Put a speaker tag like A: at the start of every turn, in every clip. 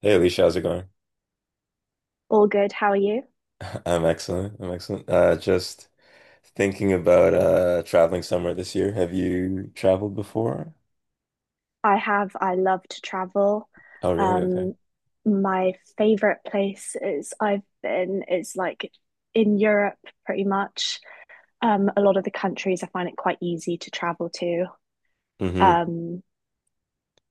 A: Hey Alicia, how's it going?
B: All good. How are you?
A: I'm excellent. I'm excellent. Just thinking about traveling somewhere this year. Have you traveled before?
B: I have. I love to travel.
A: Oh, really? Okay.
B: Um, my favorite place is I've been is like in Europe, pretty much. A lot of the countries I find it quite easy to travel to.
A: Mm-hmm.
B: Um,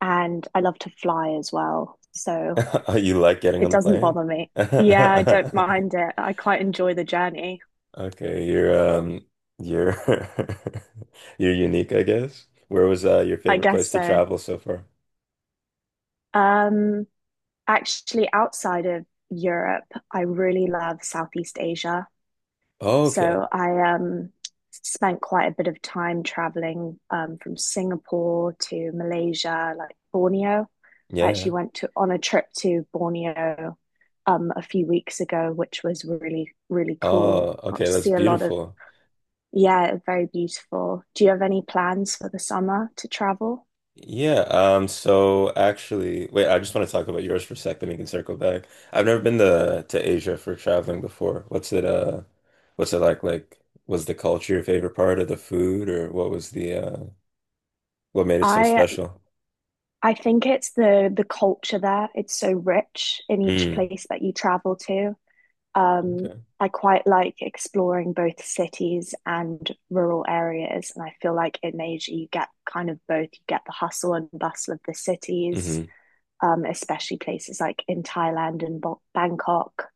B: and I love to fly as well, so
A: Oh, you like getting
B: it
A: on the
B: doesn't
A: plane?
B: bother me. Yeah, I don't mind it. I quite enjoy the journey.
A: Okay, you're you're you're unique, I guess. Where was your
B: I
A: favorite place
B: guess
A: to
B: so.
A: travel so far?
B: Um, Actually, outside of Europe, I really love Southeast Asia.
A: Oh, okay.
B: So I spent quite a bit of time traveling from Singapore to Malaysia, like Borneo. I actually
A: Yeah.
B: went to on a trip to Borneo a few weeks ago, which was really, really cool.
A: Oh,
B: Got
A: okay.
B: to
A: That's
B: see a lot of,
A: beautiful.
B: yeah, very beautiful. Do you have any plans for the summer to travel?
A: Yeah, so actually, wait, I just want to talk about yours for a sec, then we can circle back. I've never been to Asia for traveling before. What's it what's it like? Like, was the culture your favorite part of the food, or what was the what made it so
B: I
A: special?
B: I think it's the culture there. It's so rich in each
A: Mm.
B: place that you travel to. Um,
A: Okay.
B: I quite like exploring both cities and rural areas, and I feel like in Asia you get kind of both. You get the hustle and bustle of the cities,
A: Hmm.
B: especially places like in Thailand and Bangkok.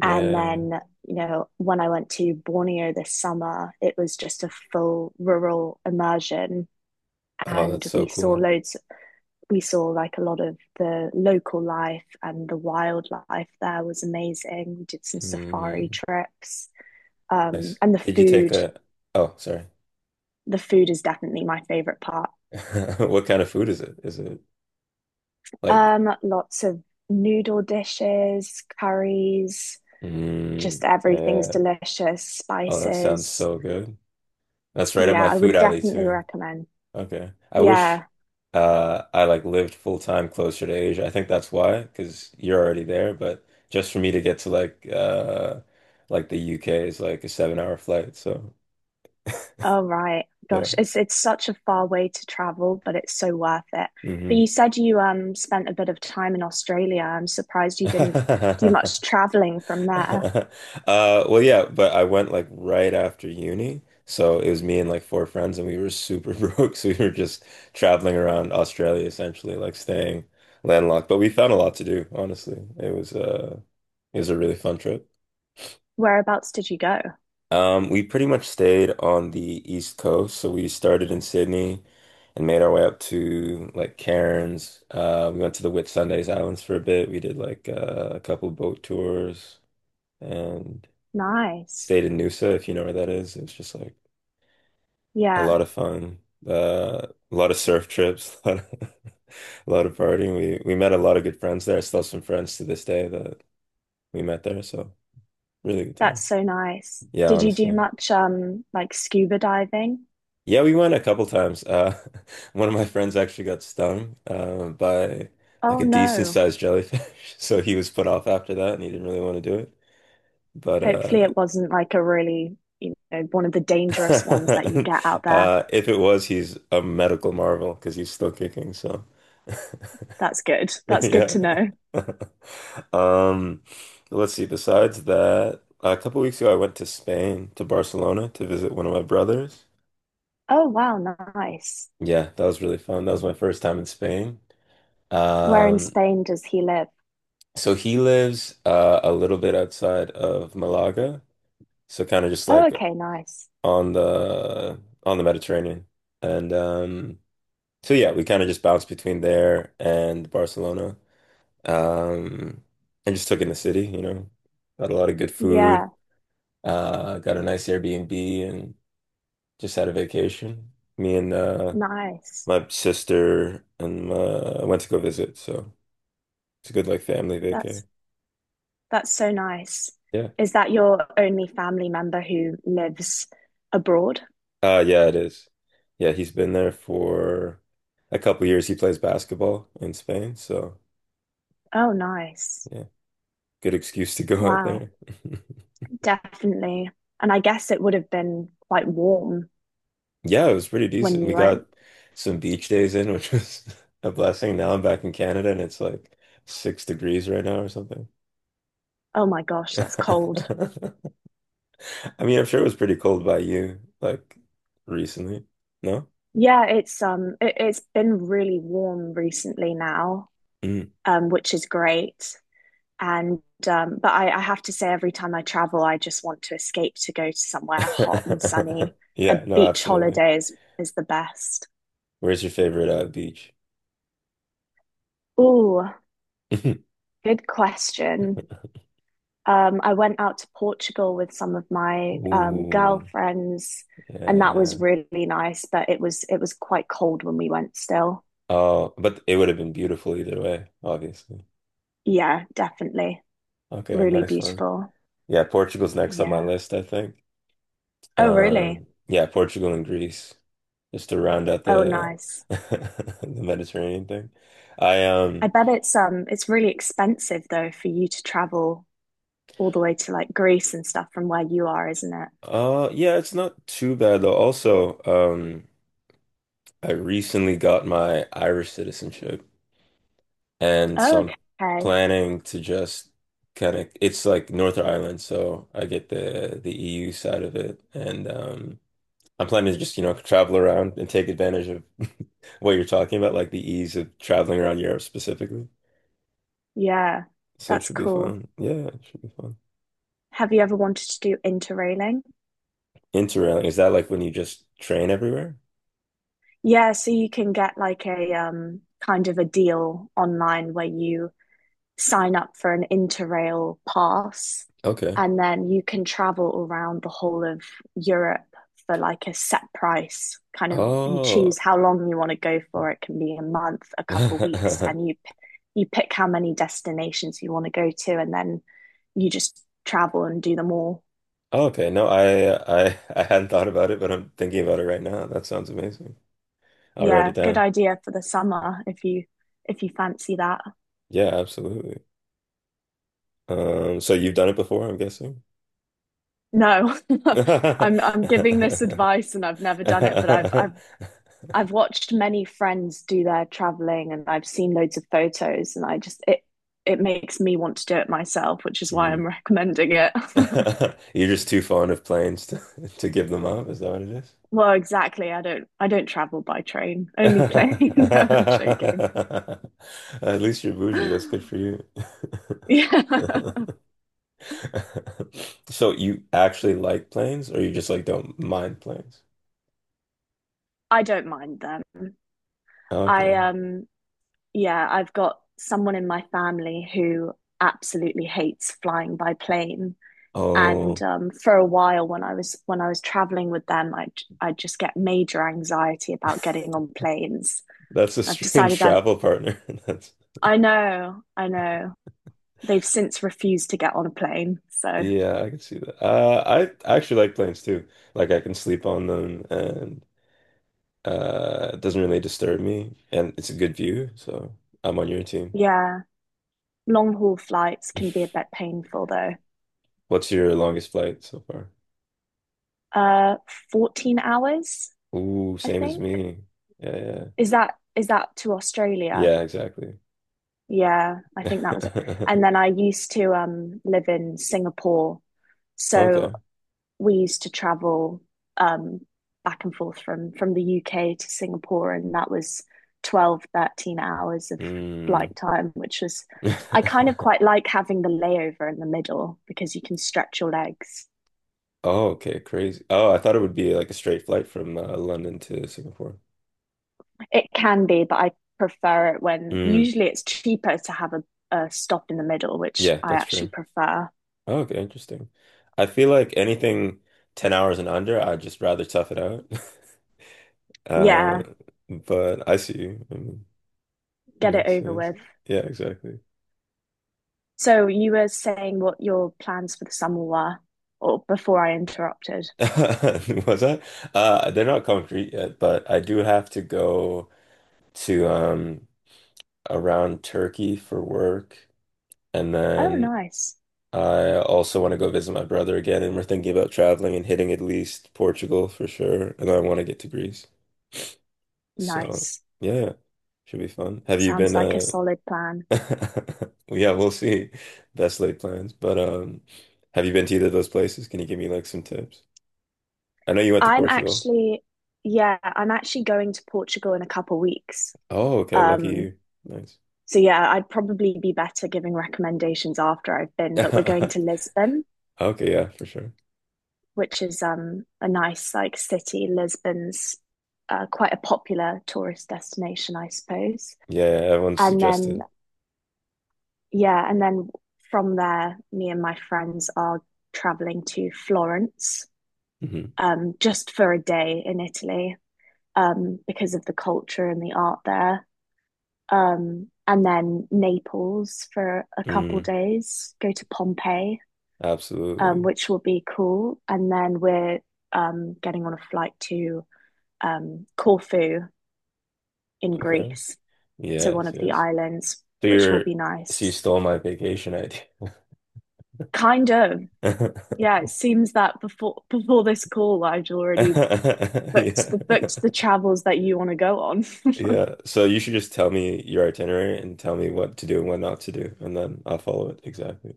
B: And then, you know, when I went to Borneo this summer, it was just a full rural immersion,
A: Oh,
B: and
A: that's so
B: we saw
A: cool.
B: loads. We saw like a lot of the local life and the wildlife there was amazing. We did some safari
A: Mm.
B: trips
A: Nice.
B: and the
A: Did you take
B: food.
A: a oh, sorry.
B: The food is definitely my favorite part.
A: What kind of food is it? Is it like
B: Lots of noodle dishes, curries, just
A: mm,
B: everything's
A: yeah.
B: delicious,
A: Oh, that sounds
B: spices.
A: so good. That's right up
B: Yeah,
A: my
B: I
A: food
B: would
A: alley
B: definitely
A: too.
B: recommend.
A: Okay. I wish
B: Yeah.
A: I like lived full time closer to Asia. I think that's why, because you're already there, but just for me to get to like like the UK is like a 7 hour flight. So
B: All right.
A: yeah.
B: Gosh, it's such a far way to travel, but it's so worth it. But
A: Hmm.
B: you said you spent a bit of time in Australia. I'm surprised you didn't do much traveling from there.
A: Well yeah, but I went like right after uni. So it was me and like four friends and we were super broke. So we were just traveling around Australia essentially, like staying landlocked. But we found a lot to do, honestly. It was it was a really fun trip.
B: Whereabouts did you go?
A: We pretty much stayed on the East Coast, so we started in Sydney and made our way up to like Cairns. We went to the Whitsundays Islands for a bit. We did like a couple boat tours and
B: Nice.
A: stayed in Noosa, if you know where that is. It was just like a
B: Yeah.
A: lot of fun. A lot of surf trips, a lot of partying. We met a lot of good friends there. Still some friends to this day that we met there, so really good
B: That's
A: times.
B: so nice.
A: Yeah,
B: Did you do
A: honestly.
B: much like scuba diving?
A: Yeah, we went a couple times. One of my friends actually got stung by like
B: Oh
A: a decent
B: no.
A: sized jellyfish, so he was put off after that, and he didn't really want to do it. But
B: Hopefully it wasn't like a really, you know, one of the dangerous ones that you get out there.
A: if it was, he's a medical marvel because he's still kicking. So
B: That's good. That's good
A: yeah.
B: to know.
A: Um, let's see. Besides that, a couple weeks ago, I went to Spain to Barcelona to visit one of my brothers.
B: Oh wow, nice.
A: Yeah, that was really fun. That was my first time in Spain.
B: Where in
A: Um,
B: Spain does he live?
A: So he lives a little bit outside of Malaga, so kind of just
B: Oh,
A: like
B: okay, nice.
A: on the Mediterranean. And so yeah, we kind of just bounced between there and Barcelona, um, and just took in the city. You know, got a lot of good food,
B: Yeah,
A: got a nice Airbnb, and just had a vacation. Me and
B: nice.
A: my sister and went to go visit, so it's a good like family vacay.
B: That's that's so nice.
A: Yeah.
B: Is that your only family member who lives abroad?
A: Uh, yeah, it is. Yeah, he's been there for a couple years. He plays basketball in Spain, so
B: Oh, nice.
A: yeah, good excuse to go out
B: Wow.
A: there.
B: Definitely. And I guess it would have been quite warm
A: Yeah, it was pretty
B: when
A: decent. We
B: you
A: got
B: went.
A: some beach days in, which was a blessing. Now I'm back in Canada and it's like 6 degrees right now or something.
B: Oh my gosh,
A: I
B: that's cold.
A: mean, I'm sure it was pretty cold by you, like recently. No?
B: Yeah, it's been really warm recently now,
A: Mm.
B: which is great. And but I have to say every time I travel, I just want to escape to go to somewhere hot and sunny. A
A: Yeah, no,
B: beach
A: absolutely.
B: holiday is the best.
A: Where's your favorite beach?
B: Ooh, good question. Um, I went out to Portugal with some of my
A: Ooh.
B: girlfriends, and that was
A: Yeah.
B: really nice. But it was quite cold when we went still.
A: Oh, but it would have been beautiful either way, obviously.
B: Yeah, definitely.
A: Okay,
B: Really
A: nice one.
B: beautiful.
A: Yeah, Portugal's next on my
B: Yeah.
A: list, I think.
B: Oh, really?
A: Yeah, Portugal and Greece, just to round out
B: Oh,
A: the
B: nice.
A: the Mediterranean thing. I
B: I
A: um
B: bet it's really expensive though for you to travel all the way to like Greece and stuff from where you are, isn't it?
A: uh yeah, it's not too bad though. Also, um, I recently got my Irish citizenship and
B: Oh,
A: so I'm
B: okay.
A: planning to just kind of it's like Northern Ireland, so I get the EU side of it, and um, I'm planning to just, you know, travel around and take advantage of what you're talking about, like the ease of traveling around Europe specifically.
B: Yeah,
A: So it
B: that's
A: should be
B: cool.
A: fun. Yeah, it should be fun.
B: Have you ever wanted to do interrailing?
A: Interrailing, is that like when you just train everywhere?
B: Yeah, so you can get like a kind of a deal online where you sign up for an Interrail pass
A: Okay.
B: and then you can travel around the whole of Europe for like a set price. Kind of you choose
A: Oh.
B: how long you want to go for. It can be a month, a couple weeks, and you pick how many destinations you want to go to and then you just travel and do them all.
A: Okay. No, I hadn't thought about it, but I'm thinking about it right now. That sounds amazing. I'll write it
B: Yeah, good
A: down.
B: idea for the summer if you fancy that.
A: Yeah, absolutely. So you've done it before, I'm guessing.
B: No, I'm giving this advice and I've never done it, but I've watched many friends do their traveling and I've seen loads of photos and I just it makes me want to do it myself, which is why
A: Hmm.
B: I'm recommending it.
A: You're just too fond of planes to, to give them up. Is that what it is?
B: Well, exactly. I don't travel by train, only plane. No, I'm joking.
A: At least you're bougie. That's good for you.
B: Yeah.
A: So you actually like planes, or you just like don't mind planes?
B: I don't mind them. I
A: Okay.
B: Yeah, I've got someone in my family who absolutely hates flying by plane. And
A: Oh,
B: for a while when I was traveling with them I just get major anxiety about getting on planes.
A: that's a
B: i've
A: strange
B: decided i
A: travel partner. That's
B: I know they've since refused to get on a plane, so
A: yeah, I can see that. I actually like planes too. Like I can sleep on them, and uh, it doesn't really disturb me, and it's a good view, so I'm on your team.
B: yeah, long haul flights can be a bit painful though.
A: What's your longest flight so far?
B: uh 14 hours,
A: Ooh,
B: I
A: same as
B: think.
A: me. Yeah, yeah.
B: Is that to Australia?
A: Yeah, exactly.
B: Yeah, I think that was it. And then I used to live in Singapore, so
A: Okay.
B: we used to travel um, back and forth from the UK to Singapore, and that was 12-13 hours of flight
A: Mm.
B: time, which was I kind of quite like having the layover in the middle because you can stretch your legs.
A: Oh, okay, crazy. Oh, I thought it would be like a straight flight from London to Singapore.
B: It can be, but I prefer it when
A: Mm.
B: usually it's cheaper to have a stop in the middle, which
A: Yeah,
B: I
A: that's
B: actually
A: true.
B: prefer.
A: Oh, okay, interesting. I feel like anything 10 hours and under, I'd just rather tough it out. Uh,
B: Yeah,
A: but I see you.
B: get it
A: Makes
B: over
A: sense.
B: with.
A: Yeah, exactly.
B: So you were saying what your plans for the summer were, or before I interrupted.
A: Was that? They're not concrete yet, but I do have to go to um, around Turkey for work, and
B: Oh,
A: then
B: nice.
A: I also want to go visit my brother again, and we're thinking about traveling and hitting at least Portugal for sure, and I want to get to Greece. So
B: Nice.
A: yeah, should be fun. Have you
B: Sounds
A: been?
B: like a solid plan.
A: Yeah, we'll see. Best laid plans, but have you been to either of those places? Can you give me like some tips? I know you went to
B: I'm
A: Portugal.
B: actually, yeah, I'm actually going to Portugal in a couple weeks.
A: Oh, okay. Lucky
B: Um,
A: you. Nice.
B: so yeah, I'd probably be better giving recommendations after I've been, but we're going to Lisbon,
A: Okay, yeah, for sure.
B: which is a nice like city. Lisbon's quite a popular tourist destination, I suppose.
A: Yeah, yeah, everyone
B: And then
A: suggested.
B: yeah, and then from there, me and my friends are traveling to Florence,
A: Hmm.
B: just for a day in Italy. Because of the culture and the art there. And then Naples for a couple
A: Mm,
B: days, go to Pompeii,
A: absolutely.
B: which will be cool. And then we're getting on a flight to Corfu in
A: Okay.
B: Greece, so one
A: Yes,
B: of the
A: yes.
B: islands,
A: So
B: which will
A: you're,
B: be
A: so
B: nice.
A: you stole my vacation idea.
B: Kind of. Yeah, it seems that before before this call, I would already booked
A: Yeah.
B: the booked the travels that you want to go on.
A: Yeah. So you should just tell me your itinerary and tell me what to do and what not to do, and then I'll follow it exactly.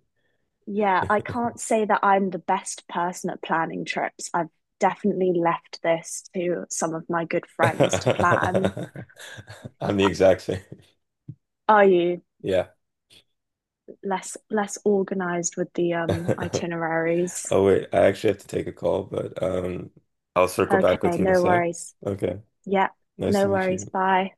B: Yeah, I can't say that I'm the best person at planning trips. I've definitely left this to some of my good friends to plan.
A: I'm the exact same.
B: Are you
A: Yeah.
B: less organized with the itineraries?
A: Oh wait, I actually have to take a call, but um, I'll circle
B: Okay,
A: back with you in a
B: no
A: sec.
B: worries.
A: Okay.
B: Yeah,
A: Nice to
B: no
A: meet
B: worries.
A: you.
B: Bye.